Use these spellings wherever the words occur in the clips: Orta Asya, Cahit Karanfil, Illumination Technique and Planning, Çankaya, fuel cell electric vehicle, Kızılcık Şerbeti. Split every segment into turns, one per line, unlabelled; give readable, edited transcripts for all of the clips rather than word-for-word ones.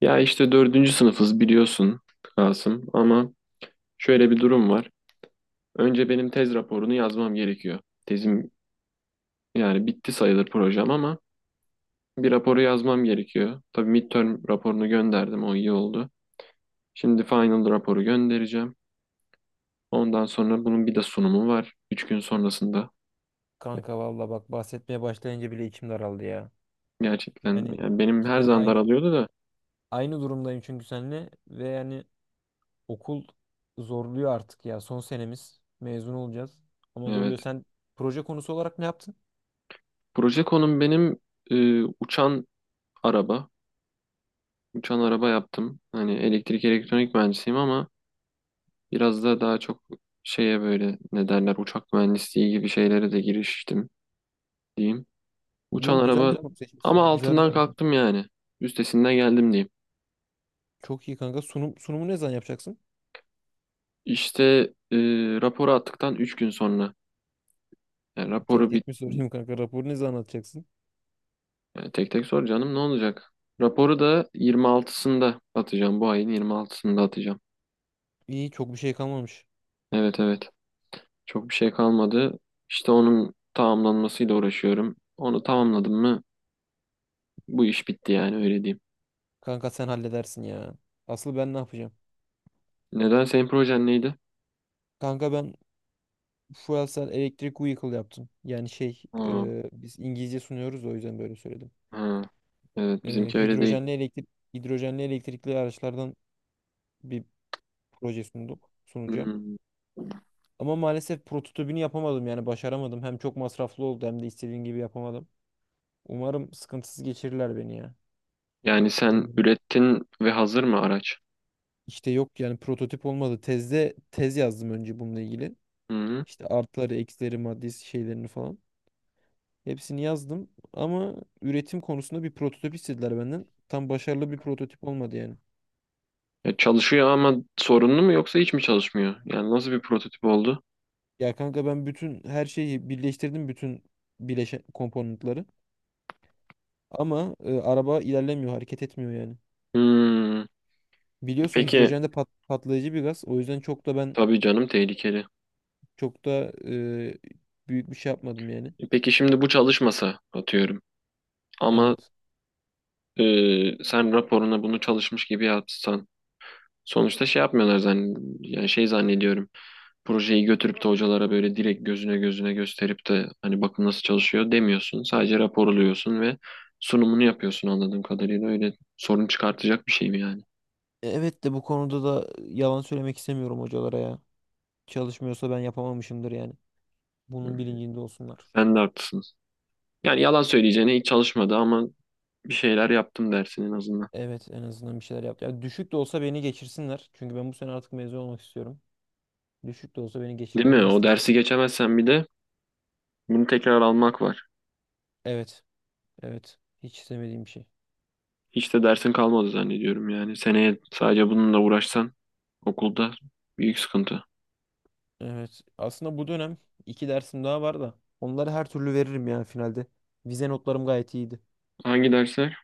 Ya işte dördüncü sınıfız biliyorsun Kasım ama şöyle bir durum var. Önce benim tez raporunu yazmam gerekiyor. Tezim yani bitti sayılır projem ama bir raporu yazmam gerekiyor. Tabii midterm raporunu gönderdim o iyi oldu. Şimdi final raporu göndereceğim. Ondan sonra bunun bir de sunumu var. 3 gün sonrasında.
Kanka valla bak bahsetmeye başlayınca bile içim daraldı ya.
Gerçekten
Yani
yani benim her
cidden
zaman
aynı
daralıyordu da.
aynı durumdayım çünkü seninle ve yani okul zorluyor artık ya. Son senemiz mezun olacağız ama
Evet.
zorluyor. Sen proje konusu olarak ne yaptın?
Proje konum benim uçan araba. Uçan araba yaptım. Hani elektrik elektronik mühendisiyim ama biraz da daha çok şeye böyle ne derler uçak mühendisliği gibi şeylere de giriştim diyeyim. Uçan
Yo, güzel bir
araba
konu
ama
seçmişsin. Güzel bir
altından
konu seçmişsin.
kalktım yani. Üstesinden geldim diyeyim.
Çok iyi kanka. Sunumu ne zaman yapacaksın?
İşte e, raporu attıktan 3 gün sonra. Yani
Tek
raporu bir
tek mi sorayım kanka? Raporu ne zaman atacaksın?
yani tek tek sor canım ne olacak? Raporu da 26'sında atacağım. Bu ayın 26'sında atacağım.
İyi, çok bir şey kalmamış.
Evet, evet. Çok bir şey kalmadı. İşte onun tamamlanmasıyla uğraşıyorum. Onu tamamladım mı bu iş bitti yani öyle diyeyim.
Kanka sen halledersin ya. Asıl ben ne yapacağım?
Neden senin projen neydi?
Kanka ben fuel cell electric vehicle yaptım. Yani şey
Aa.
biz İngilizce sunuyoruz da o yüzden böyle söyledim.
Ha, evet
E,
bizimki öyle değil.
hidrojenli elektrik hidrojenli elektrikli araçlardan bir proje sunacağım.
Hmm.
Ama maalesef prototipini yapamadım yani başaramadım. Hem çok masraflı oldu hem de istediğim gibi yapamadım. Umarım sıkıntısız geçirirler beni ya.
Yani sen
Anladım.
ürettin ve hazır mı araç?
İşte yok yani prototip olmadı. Tez yazdım önce bununla ilgili.
Hı.
İşte artıları, eksileri, maddi şeylerini falan. Hepsini yazdım ama üretim konusunda bir prototip istediler benden. Tam başarılı bir prototip olmadı yani.
Ya çalışıyor ama sorunlu mu yoksa hiç mi çalışmıyor? Yani nasıl bir prototip oldu?
Ya kanka ben bütün her şeyi birleştirdim, bütün bileşen komponentleri. Ama araba ilerlemiyor, hareket etmiyor yani.
Hmm.
Biliyorsun
Peki
hidrojen de patlayıcı bir gaz. O yüzden
tabii canım tehlikeli.
çok da büyük bir şey yapmadım yani.
Peki şimdi bu çalışmasa atıyorum. Ama
Evet.
sen raporuna bunu çalışmış gibi yapsan. Sonuçta şey yapmıyorlar zan yani şey zannediyorum. Projeyi götürüp de hocalara böyle direkt gözüne gözüne gösterip de hani bakın nasıl çalışıyor demiyorsun. Sadece raporluyorsun ve sunumunu yapıyorsun anladığım kadarıyla. Öyle sorun çıkartacak bir şey mi yani?
Evet de bu konuda da yalan söylemek istemiyorum hocalara ya. Çalışmıyorsa ben yapamamışımdır yani. Bunun bilincinde olsunlar.
Sen de haklısın. Yani yalan söyleyeceğine hiç çalışmadı ama bir şeyler yaptım dersin en azından.
Evet, en azından bir şeyler yaptı. Ya düşük de olsa beni geçirsinler. Çünkü ben bu sene artık mezun olmak istiyorum. Düşük de olsa beni
Değil mi?
geçirmelerini
O
isterim.
dersi geçemezsen bir de bunu tekrar almak var.
Evet. Evet. Hiç istemediğim bir şey.
Hiç de dersin kalmadı zannediyorum yani. Seneye sadece bununla uğraşsan okulda büyük sıkıntı.
Evet. Aslında bu dönem iki dersim daha var da. Onları her türlü veririm ya finalde. Vize notlarım gayet iyiydi.
Hangi dersler?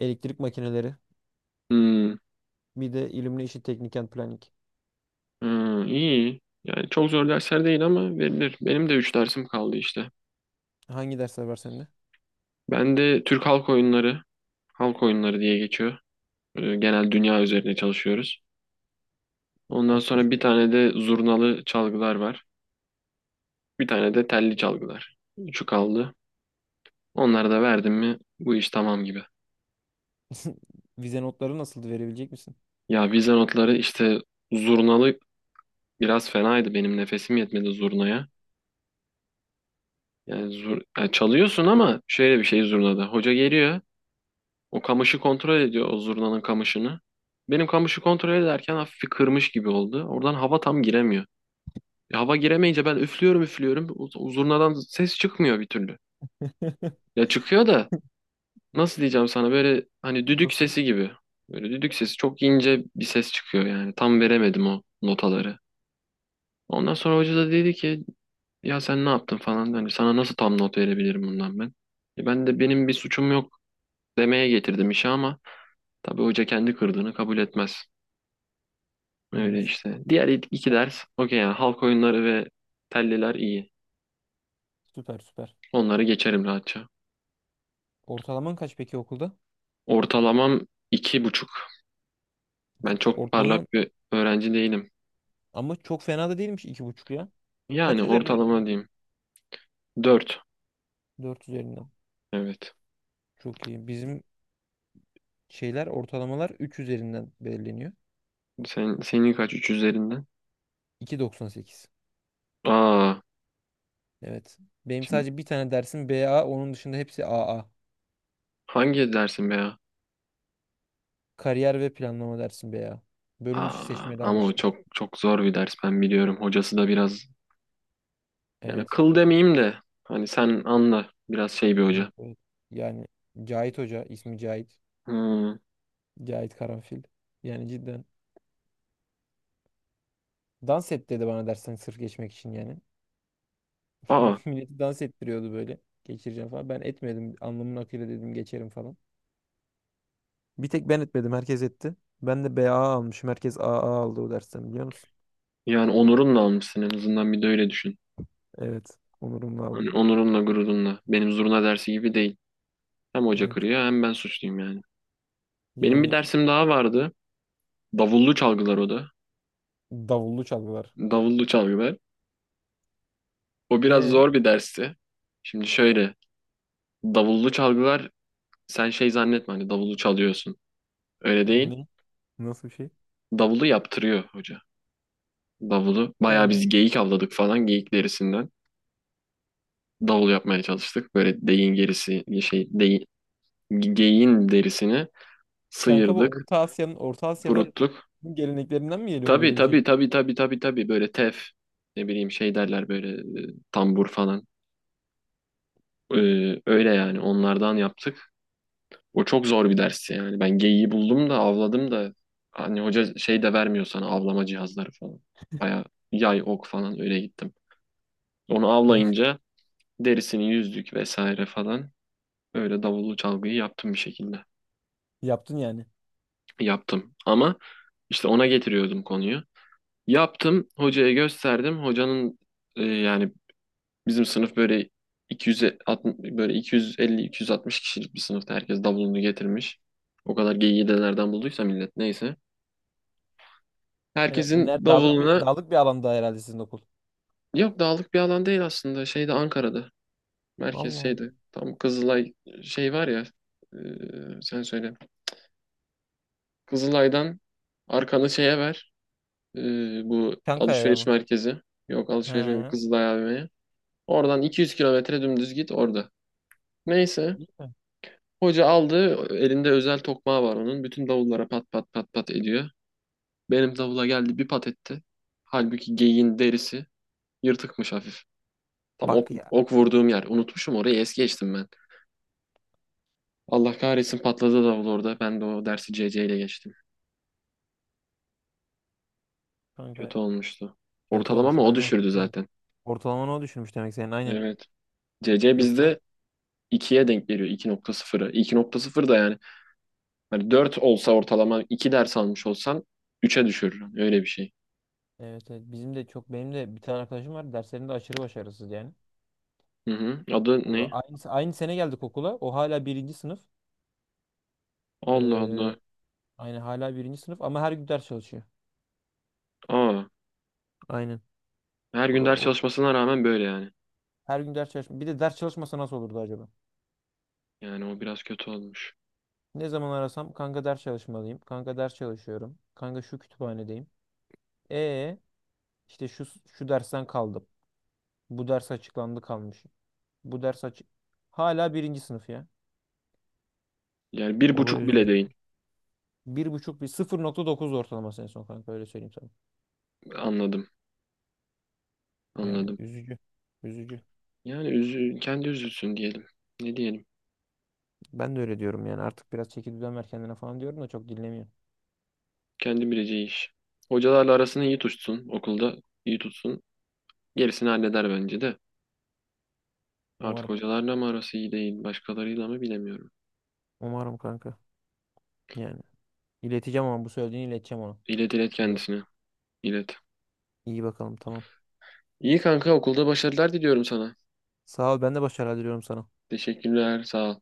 Elektrik makineleri.
Hmm.
Bir de Illumination Technique and Planning.
Hmm, iyi. Yani çok zor dersler değil ama verilir. Benim de 3 dersim kaldı işte.
Hangi dersler var sende?
Ben de Türk halk oyunları, halk oyunları diye geçiyor. Genel dünya üzerine çalışıyoruz. Ondan
Başka?
sonra bir tane de zurnalı çalgılar var. Bir tane de telli çalgılar. Üçü kaldı. Onları da verdim mi bu iş tamam gibi.
Vize notları nasıldı? Verebilecek misin?
Ya vize notları işte zurnalı biraz fenaydı. Benim nefesim yetmedi zurnaya. Yani, yani çalıyorsun ama şöyle bir şey zurnada. Hoca geliyor. O kamışı kontrol ediyor o zurnanın kamışını. Benim kamışı kontrol ederken hafif bir kırmış gibi oldu. Oradan hava tam giremiyor. Hava giremeyince ben üflüyorum üflüyorum. O zurnadan ses çıkmıyor bir türlü. Ya çıkıyor da nasıl diyeceğim sana böyle hani düdük
Nasıl?
sesi gibi. Böyle düdük sesi çok ince bir ses çıkıyor yani. Tam veremedim o notaları. Ondan sonra hoca da dedi ki ya sen ne yaptın falan. Hani sana nasıl tam not verebilirim bundan ben. Ben de benim bir suçum yok demeye getirdim işi ama tabii hoca kendi kırdığını kabul etmez. Öyle
Evet.
işte. Diğer iki ders okey yani halk oyunları ve telliler iyi.
Süper süper.
Onları geçerim rahatça.
Ortalaman kaç peki okulda?
Ortalamam 2,5. Ben
2,5
çok parlak
ortalaman?
bir öğrenci değilim.
Ama çok fena da değilmiş 2,5 ya.
Yani
Kaç üzerinden iki
ortalama
buçuk
diyeyim. Dört.
Dört üzerinden.
Evet.
Çok iyi. Bizim şeyler ortalamalar 3 üzerinden belirleniyor,
Senin kaç? Üç üzerinden?
2,98.
Aa.
Evet. Benim
Şimdi
sadece bir tane dersim BA. Onun dışında hepsi AA.
hangi dersin be ya?
Kariyer ve planlama dersim BA. Bölüm dışı
Aa,
seçmeli
ama o
almıştım.
çok çok zor bir ders ben biliyorum. Hocası da biraz yani
Evet.
kıl demeyeyim de hani sen anla biraz şey bir hoca.
Evet, evet. Yani Cahit Hoca, ismi Cahit.
Hmm.
Cahit Karanfil. Yani cidden. Dans et dedi bana dersten sırf geçmek için yani.
Aa,
Milleti dans ettiriyordu böyle. Geçireceğim falan. Ben etmedim. Alnımın akıyla dedim geçerim falan. Bir tek ben etmedim. Herkes etti. Ben de BA almışım. Herkes AA aldı o dersten, biliyor musun?
yani onurunla almışsın en azından bir de öyle düşün.
Evet. Onurumla aldım.
Hani onurunla gururunla. Benim zurna dersi gibi değil. Hem hoca
Evet.
kırıyor hem ben suçluyum yani. Benim bir
Yani
dersim daha vardı. Davullu çalgılar o da.
davullu çalgılar.
Davullu çalgılar. O biraz
E
zor bir dersti. Şimdi şöyle. Davullu çalgılar sen şey zannetme hani davulu çalıyorsun. Öyle değil.
Ne? Nasıl bir şey?
Davulu yaptırıyor hoca. Davulu. Bayağı
Ha.
biz geyik avladık falan geyik derisinden. Davul yapmaya çalıştık. Böyle deyin gerisi şey deyin, geyiğin derisini
Kanka bu
sıyırdık,
Orta Asya'da
kuruttuk.
geleneklerinden mi geliyordu
Tabii
böyle bir şey?
tabii tabii tabii tabii tabii böyle tef ne bileyim şey derler böyle tambur falan. Öyle yani onlardan yaptık. O çok zor bir dersti yani. Ben geyiği buldum da avladım da hani hoca şey de vermiyor sana avlama cihazları falan. Baya yay ok falan öyle gittim. Onu
Kanka
avlayınca derisini yüzdük vesaire falan. Öyle davullu çalgıyı yaptım bir şekilde.
yaptın yani.
Yaptım ama işte ona getiriyordum konuyu. Yaptım hocaya gösterdim. Hocanın yani bizim sınıf böyle 260, böyle 250-260 kişilik bir sınıfta herkes davulunu getirmiş. O kadar geyiği de nereden bulduysa millet neyse.
Hele-
Herkesin
Ner dağlık bir
davuluna
Dağlık bir alanda herhalde sizin okul.
yok dağlık bir alan değil aslında. Şeyde Ankara'da. Merkez
Allah Allah.
şeydi. Tam Kızılay şey var ya. Sen söyle. Kızılay'dan arkanı şeye ver. e, Bu
Çankaya'ya
alışveriş
mı?
merkezi. Yok alışveriş merkezi
Ha.
Kızılay AVM'ye. Oradan 200 kilometre dümdüz git orada. Neyse.
İyi mi?
Hoca aldı. Elinde özel tokmağı var onun. Bütün davullara pat pat pat pat ediyor. Benim davula geldi bir pat etti. Halbuki geyiğin derisi yırtıkmış hafif. Tam ok,
Bak ya.
ok vurduğum yer. Unutmuşum orayı es geçtim ben. Allah kahretsin patladı davul orada. Ben de o dersi CC ile geçtim.
Kanka.
Kötü olmuştu.
Kötü olmuş.
Ortalamamı o
Harbiden
düşürdü
kötü olmuş.
zaten.
Ortalamanı o düşürmüş demek senin, aynen.
Evet. CC
Yoksa
bizde ikiye denk geliyor. İki 2,0'a. 2,0 da yani. Hani 4 olsa ortalama 2 ders almış olsan üçe düşürür. Öyle bir şey.
evet, evet, bizim de çok benim de bir tane arkadaşım var, derslerinde aşırı başarısız yani.
Hı hı. Adı
O da
ne?
aynı sene geldik okula. O hala birinci sınıf.
Allah
Ee,
Allah.
aynı hala birinci sınıf ama her gün ders çalışıyor.
Aa,
Aynen.
her
O
gün
da
ders
o.
çalışmasına rağmen böyle yani.
Her gün ders çalışma. Bir de ders çalışmasa nasıl olurdu acaba?
Yani o biraz kötü olmuş.
Ne zaman arasam kanka ders çalışmalıyım. Kanka ders çalışıyorum. Kanka şu kütüphanedeyim. E, işte şu dersten kaldım. Bu ders açıklandı, kalmış. Bu ders açık. Hala birinci sınıf ya.
Yani bir
O da
buçuk bile
üzücü.
değil.
1,5, bir 0,9 ortalaması en son kanka, öyle söyleyeyim sana.
Anladım,
Yani
anladım.
üzücü. Üzücü.
Yani kendi üzülsün diyelim. Ne diyelim?
Ben de öyle diyorum yani artık biraz çeki düzen ver kendine falan diyorum da çok dinlemiyor.
Kendi bileceği iş. Hocalarla arasını iyi tutsun, okulda iyi tutsun. Gerisini halleder bence de. Artık
Umarım.
hocalarla mı arası iyi değil, başkalarıyla mı bilemiyorum.
Umarım kanka. Yani ileteceğim ama bu söylediğini ileteceğim ona.
İlet ilet
Tabii.
kendisine, ilet.
İyi bakalım, tamam.
İyi kanka, okulda başarılar diliyorum sana.
Sağ ol, ben de başarılar diliyorum sana.
Teşekkürler, sağ ol.